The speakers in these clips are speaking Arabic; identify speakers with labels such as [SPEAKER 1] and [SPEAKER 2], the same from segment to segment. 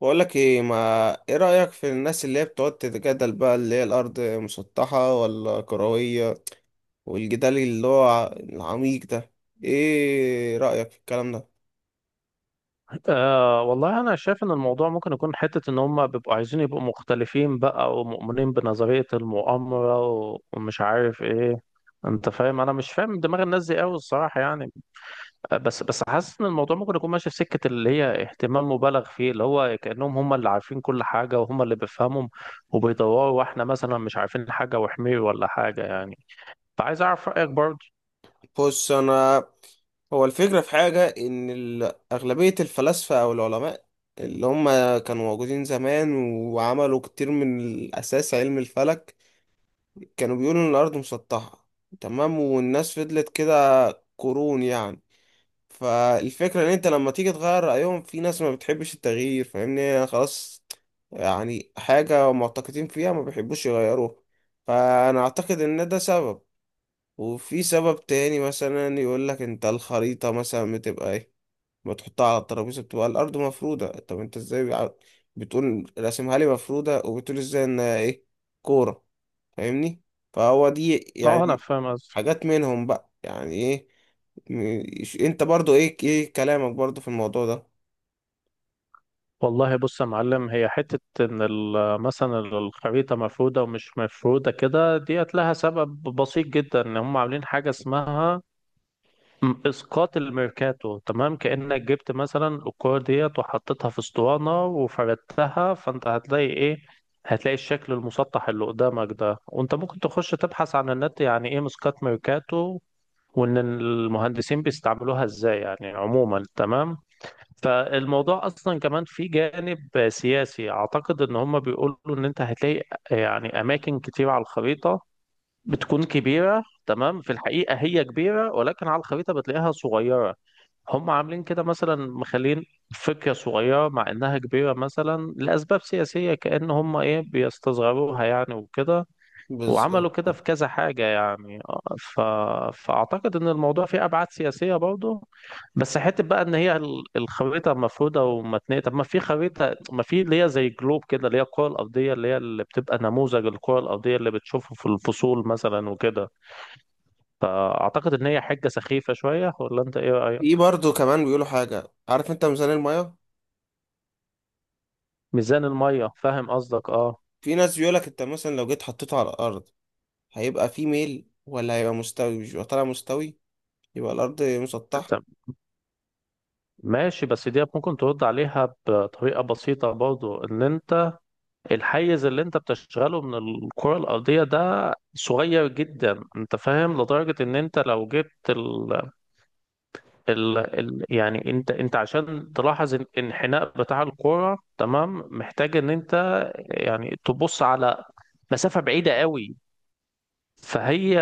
[SPEAKER 1] بقول لك ايه ما، ايه رأيك في الناس اللي هي بتقعد تتجادل بقى اللي هي الارض مسطحة ولا كروية؟ والجدال اللي هو العميق ده، ايه رأيك في الكلام ده؟
[SPEAKER 2] أه والله أنا شايف إن الموضوع ممكن يكون حتة إن هم بيبقوا عايزين يبقوا مختلفين بقى، ومؤمنين بنظرية المؤامرة ومش عارف إيه. أنت فاهم، أنا مش فاهم دماغ الناس دي أوي الصراحة يعني. بس حاسس إن الموضوع ممكن يكون ماشي في سكة اللي هي اهتمام مبالغ فيه، اللي هو كأنهم هم اللي عارفين كل حاجة وهم اللي بيفهمهم وبيدوروا، وإحنا مثلا مش عارفين حاجة وحمير ولا حاجة يعني. فعايز أعرف رأيك برضه.
[SPEAKER 1] بص انا، هو الفكرة في حاجة ان اغلبية الفلاسفة او العلماء اللي هم كانوا موجودين زمان وعملوا كتير من الاساس علم الفلك، كانوا بيقولوا ان الارض مسطحة. تمام، والناس فضلت كده قرون يعني. فالفكرة ان انت لما تيجي تغير رأيهم في ناس ما بتحبش التغيير، فاهمني يعني؟ خلاص، يعني حاجة معتقدين فيها ما بيحبوش يغيروها. فانا اعتقد ان ده سبب. وفي سبب تاني مثلا يقول لك انت الخريطة مثلا بتبقى ايه، ما تحطها على الترابيزة بتبقى الارض مفرودة، طب انت ازاي بتقول راسمها لي مفرودة وبتقول ازاي ان ايه، كورة؟ فاهمني؟ فهو دي
[SPEAKER 2] أه أنا
[SPEAKER 1] يعني
[SPEAKER 2] فاهم.
[SPEAKER 1] حاجات منهم بقى، يعني ايه. انت برضو ايه، ايه كلامك برضو في الموضوع ده؟
[SPEAKER 2] والله بص يا معلم، هي حتة إن مثلا الخريطة مفرودة ومش مفرودة كده ديت لها سبب بسيط جدا. إن هم عاملين حاجة اسمها إسقاط الميركاتو، تمام؟ كأنك جبت مثلا الكورة ديت وحطيتها في اسطوانة وفردتها، فأنت هتلاقي إيه؟ هتلاقي الشكل المسطح اللي قدامك ده. وأنت ممكن تخش تبحث عن النت يعني إيه إسقاط ميركاتو، وإن المهندسين بيستعملوها إزاي يعني، عموما تمام. فالموضوع اصلا كمان في جانب سياسي، اعتقد ان هم بيقولوا ان انت هتلاقي يعني اماكن كتير على الخريطه بتكون كبيره، تمام؟ في الحقيقه هي كبيره، ولكن على الخريطه بتلاقيها صغيره. هم عاملين كده مثلا، مخلين فكره صغيره مع انها كبيره، مثلا لاسباب سياسيه، كأن هم ايه بيستصغروها يعني وكده. وعملوا كده
[SPEAKER 1] بالظبط.
[SPEAKER 2] في كذا حاجه يعني. فاعتقد ان الموضوع فيه ابعاد سياسيه برضه. بس حته بقى ان هي الخريطه مفروده ومتنيه، طب ما في خريطه، ما في اللي هي زي جلوب كده اللي هي الكره الارضيه، اللي هي اللي بتبقى نموذج الكره الارضيه اللي بتشوفه في الفصول مثلا وكده. فاعتقد ان هي حاجه سخيفه شويه، ولا انت ايه رايك؟
[SPEAKER 1] في برضو كمان بيقولوا حاجة، عارف انت ميزان المية؟
[SPEAKER 2] ميزان الميه فاهم قصدك اه.
[SPEAKER 1] في ناس بيقولك انت مثلا لو جيت حطيته على الارض هيبقى في ميل ولا هيبقى مستوي؟ مش يبقى طالع مستوي، يبقى الارض مسطحة.
[SPEAKER 2] طب ماشي، بس دي ممكن ترد عليها بطريقه بسيطه برضو، ان انت الحيز اللي انت بتشغله من الكره الارضيه ده صغير جدا. انت فاهم، لدرجه ان انت لو جبت يعني انت عشان تلاحظ الانحناء بتاع الكرة، تمام، محتاج ان انت يعني تبص على مسافة بعيدة قوي. فهي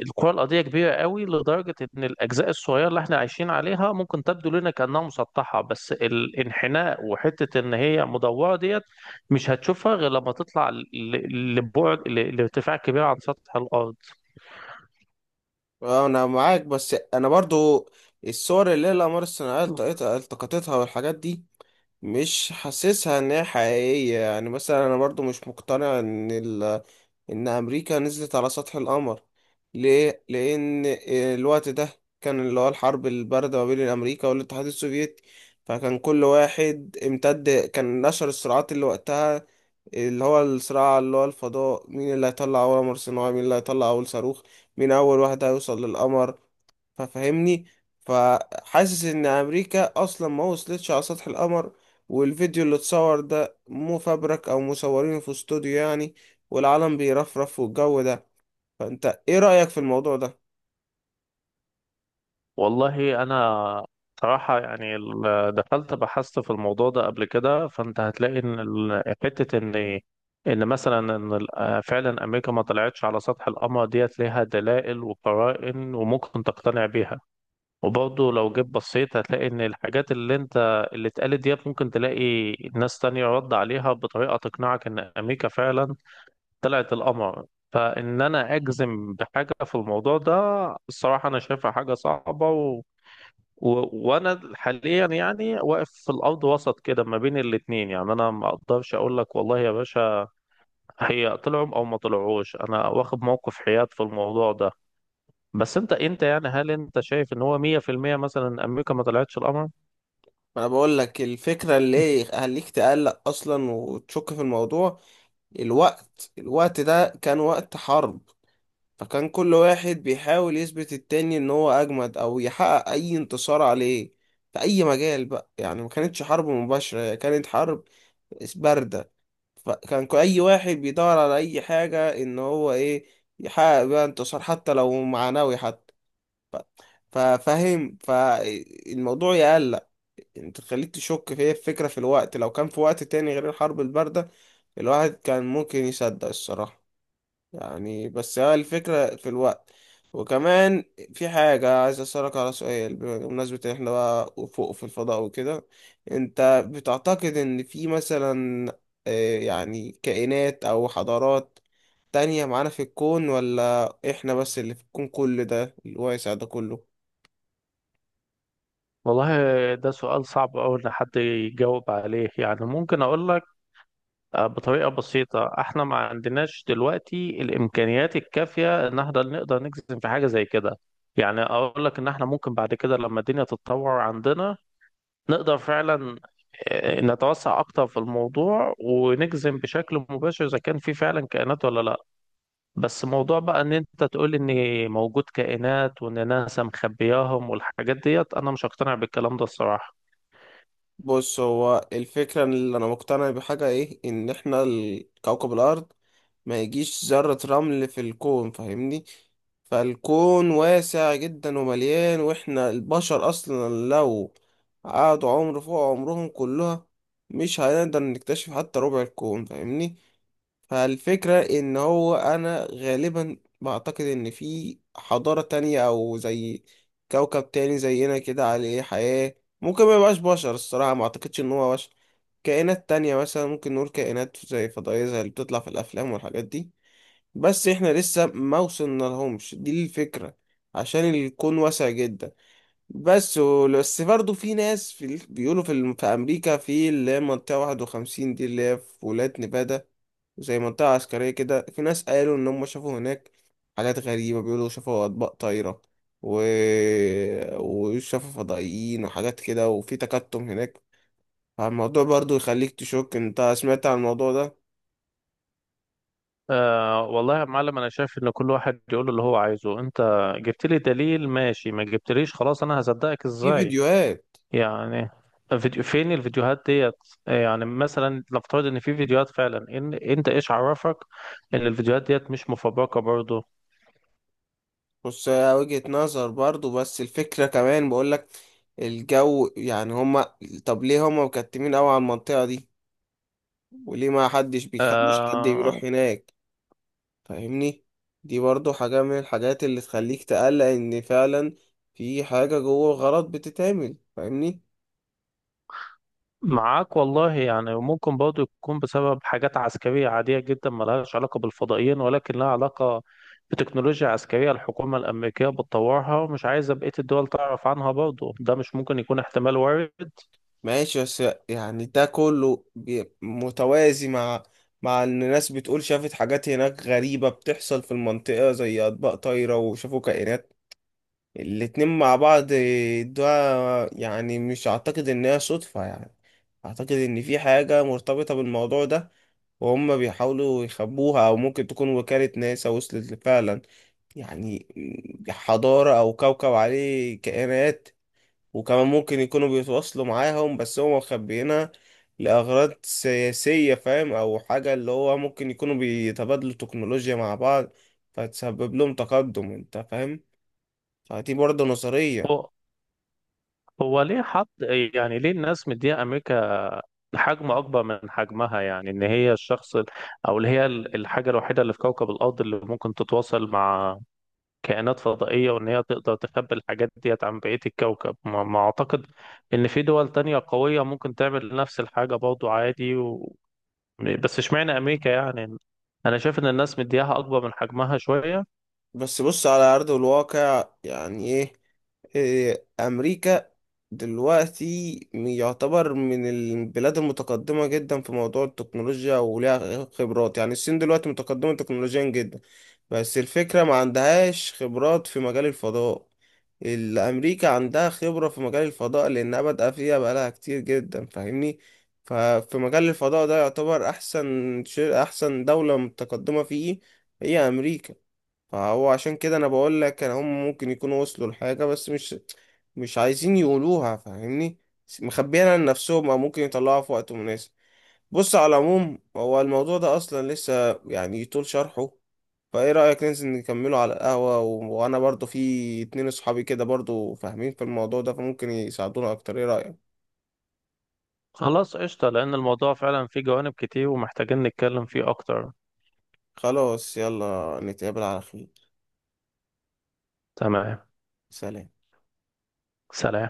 [SPEAKER 2] الكرة الأرضية كبيرة قوي لدرجة إن الأجزاء الصغيرة اللي إحنا عايشين عليها ممكن تبدو لنا كأنها مسطحة، بس الانحناء وحتة إن هي مدورة ديت مش هتشوفها غير لما تطلع لبعد لارتفاع كبير عن سطح الأرض.
[SPEAKER 1] اه انا معاك، بس انا برضو الصور اللي هي الاقمار الصناعية التقطتها والحاجات دي مش حاسسها ان هي حقيقية، يعني مثلا انا برضو مش مقتنع ان ان امريكا نزلت على سطح القمر. ليه؟ لان الوقت ده كان اللي هو الحرب الباردة ما بين امريكا والاتحاد السوفيتي، فكان كل واحد امتد كان نشر الصراعات اللي وقتها اللي هو الصراع اللي هو الفضاء، مين اللي هيطلع اول قمر صناعي، مين اللي هيطلع اول صاروخ، مين اول واحد هيوصل للقمر. ففهمني، فحاسس ان امريكا اصلا ما وصلتش على سطح القمر، والفيديو اللي اتصور ده مفبرك او مصورينه في استوديو يعني، والعالم بيرفرف والجو ده. فانت ايه رأيك في الموضوع ده؟
[SPEAKER 2] والله انا صراحة يعني دخلت بحثت في الموضوع ده قبل كده، فانت هتلاقي ان حتة ان مثلا ان ال- آه، فعلا امريكا ما طلعتش على سطح القمر ديت، ليها دلائل وقرائن وممكن تقتنع بيها. وبرضه لو جيت بصيت هتلاقي ان الحاجات اللي انت اللي اتقالت ديت ممكن تلاقي ناس تانية رد عليها بطريقة تقنعك ان امريكا فعلا طلعت القمر. فان انا اجزم بحاجة في الموضوع ده، الصراحة انا شايفها حاجة صعبة. و... وانا حاليا يعني واقف في الارض وسط كده ما بين الاتنين، يعني انا ما اقدرش اقول لك والله يا باشا هي طلعوا او ما طلعوش. انا واخد موقف حياد في الموضوع ده. بس انت يعني هل انت شايف ان هو 100% مثلا امريكا ما طلعتش القمر؟
[SPEAKER 1] ما انا بقول لك الفكرة اللي هليك تقلق اصلا وتشك في الموضوع، الوقت ده كان وقت حرب، فكان كل واحد بيحاول يثبت التاني ان هو اجمد او يحقق اي انتصار عليه في اي مجال بقى يعني. ما كانتش حرب مباشرة، هي كانت حرب بارده. فكان اي واحد بيدور على اي حاجه ان هو ايه، يحقق بيها انتصار حتى لو معنوي حتى. ف- ففاهم، فالموضوع يقلق انت، تخليك تشك في هي الفكره في الوقت. لو كان في وقت تاني غير الحرب البارده الواحد كان ممكن يصدق الصراحه يعني، بس هي الفكرة في الوقت. وكمان في حاجة عايز أسألك على سؤال، بمناسبة إن إحنا بقى فوق في الفضاء وكده، أنت بتعتقد إن في مثلا يعني كائنات أو حضارات تانية معانا في الكون، ولا إحنا بس اللي في الكون كل ده الواسع ده كله؟
[SPEAKER 2] والله ده سؤال صعب أوي إن حد يجاوب عليه، يعني ممكن أقول بطريقة بسيطة احنا ما عندناش دلوقتي الإمكانيات الكافية إن احنا نقدر نجزم في حاجة زي كده. يعني أقول لك إن احنا ممكن بعد كده لما الدنيا تتطور عندنا نقدر فعلا نتوسع أكتر في الموضوع ونجزم بشكل مباشر إذا كان في فعلا كائنات ولا لأ. بس موضوع بقى إن أنت تقول إن موجود كائنات وإن ناسا مخبياهم والحاجات ديت، أنا مش هقتنع بالكلام ده الصراحة.
[SPEAKER 1] بص، هو الفكرة إن اللي أنا مقتنع بحاجة إيه، إن إحنا كوكب الأرض ما يجيش ذرة رمل في الكون، فاهمني؟ فالكون واسع جدا ومليان، وإحنا البشر أصلا لو قعدوا عمر فوق عمرهم كلها مش هنقدر نكتشف حتى ربع الكون، فاهمني؟ فالفكرة ان هو انا غالبا بعتقد ان في حضارة تانية او زي كوكب تاني زينا كده عليه حياة. ممكن ما يبقاش بشر، الصراحة ما اعتقدش ان هو بشر، كائنات تانية مثلا، ممكن نقول كائنات زي فضائية زي اللي بتطلع في الافلام والحاجات دي. بس احنا لسه ما وصلنا لهمش، دي الفكرة، عشان الكون واسع جدا. بس بس برضه في ناس بيقولوا في امريكا في اللي هي منطقه 51 دي، اللي هي في ولايه نيفادا، زي منطقه عسكريه كده، في ناس قالوا ان هم شافوا هناك حاجات غريبه، بيقولوا شافوا اطباق طايره و... وشافوا فضائيين وحاجات كده، وفي تكتم هناك. فالموضوع برضه يخليك تشك، انت سمعت عن الموضوع ده؟
[SPEAKER 2] آه والله يا معلم، انا شايف ان كل واحد يقول اللي هو عايزه. انت جبت لي دليل ماشي، ما جبتليش خلاص انا هصدقك
[SPEAKER 1] في
[SPEAKER 2] ازاي
[SPEAKER 1] فيديوهات.
[SPEAKER 2] يعني؟ فيديو، فين الفيديوهات ديت؟ يعني مثلا نفترض ان في فيديوهات فعلا، ان انت ايش عرفك ان الفيديوهات ديت مش مفبركة برضو؟
[SPEAKER 1] بص هي وجهة نظر برضو، بس الفكرة كمان بقولك الجو يعني هما، طب ليه هما مكتمين قوي على المنطقة دي، وليه ما حدش بيخلوش حد
[SPEAKER 2] آه،
[SPEAKER 1] بيروح هناك؟ فاهمني؟ دي برضو حاجة من الحاجات اللي تخليك تقلق ان فعلا في حاجة جوه غلط بتتعمل، فاهمني؟
[SPEAKER 2] معاك والله يعني. وممكن برضه يكون بسبب حاجات عسكرية عادية جدا ملهاش علاقة بالفضائيين، ولكن لها علاقة بتكنولوجيا عسكرية الحكومة الأمريكية بتطورها ومش عايزة بقية الدول تعرف عنها برضه. ده مش ممكن يكون احتمال وارد؟
[SPEAKER 1] ماشي، بس يعني ده كله متوازي مع، مع ان الناس بتقول شافت حاجات هناك غريبة بتحصل في المنطقة زي اطباق طايرة وشافوا كائنات، الاتنين مع بعض ده، يعني مش اعتقد ان هي صدفة يعني، اعتقد ان في حاجة مرتبطة بالموضوع ده، وهم بيحاولوا يخبوها. او ممكن تكون وكالة ناسا وصلت فعلا يعني حضارة او كوكب عليه كائنات، وكمان ممكن يكونوا بيتواصلوا معاهم بس هم مخبيينها لأغراض سياسية، فاهم؟ او حاجة اللي هو ممكن يكونوا بيتبادلوا تكنولوجيا مع بعض فتسبب لهم تقدم، انت فاهم؟ فدي برضه نظرية.
[SPEAKER 2] هو هو ليه حط يعني ليه الناس مدية أمريكا حجم أكبر من حجمها، يعني إن هي الشخص أو اللي هي الحاجة الوحيدة اللي في كوكب الأرض اللي ممكن تتواصل مع كائنات فضائية، وإن هي تقدر تخبي الحاجات ديت عن بقية الكوكب؟ ما أعتقد إن في دول تانية قوية ممكن تعمل نفس الحاجة برضو عادي. بس اشمعنى أمريكا يعني؟ أنا شايف إن الناس مدياها أكبر من حجمها شوية.
[SPEAKER 1] بس بص على أرض الواقع يعني إيه، أمريكا دلوقتي يعتبر من البلاد المتقدمة جدا في موضوع التكنولوجيا وليها خبرات. يعني الصين دلوقتي متقدمة تكنولوجيا جدا، بس الفكرة ما عندهاش خبرات في مجال الفضاء. الأمريكا عندها خبرة في مجال الفضاء لأنها بادئة فيها بقالها كتير جدا، فاهمني؟ ففي مجال الفضاء ده يعتبر أحسن شيء، أحسن دولة متقدمة فيه هي أمريكا. فهو عشان كده انا بقول لك ان هم ممكن يكونوا وصلوا لحاجة بس مش عايزين يقولوها، فاهمني؟ مخبيينها لنفسهم، او ممكن يطلعوها في وقت مناسب. بص على العموم هو الموضوع ده اصلا لسه يعني يطول شرحه، فايه رأيك ننزل نكمله على القهوة، وانا برضو في اتنين اصحابي كده برضو فاهمين في الموضوع ده فممكن يساعدونا اكتر، ايه رأيك؟
[SPEAKER 2] خلاص قشطة، لأن الموضوع فعلا فيه جوانب كتير ومحتاجين نتكلم فيه أكتر.
[SPEAKER 1] خلاص، يلا نتقابل على خير.
[SPEAKER 2] تمام.
[SPEAKER 1] سلام.
[SPEAKER 2] سلام.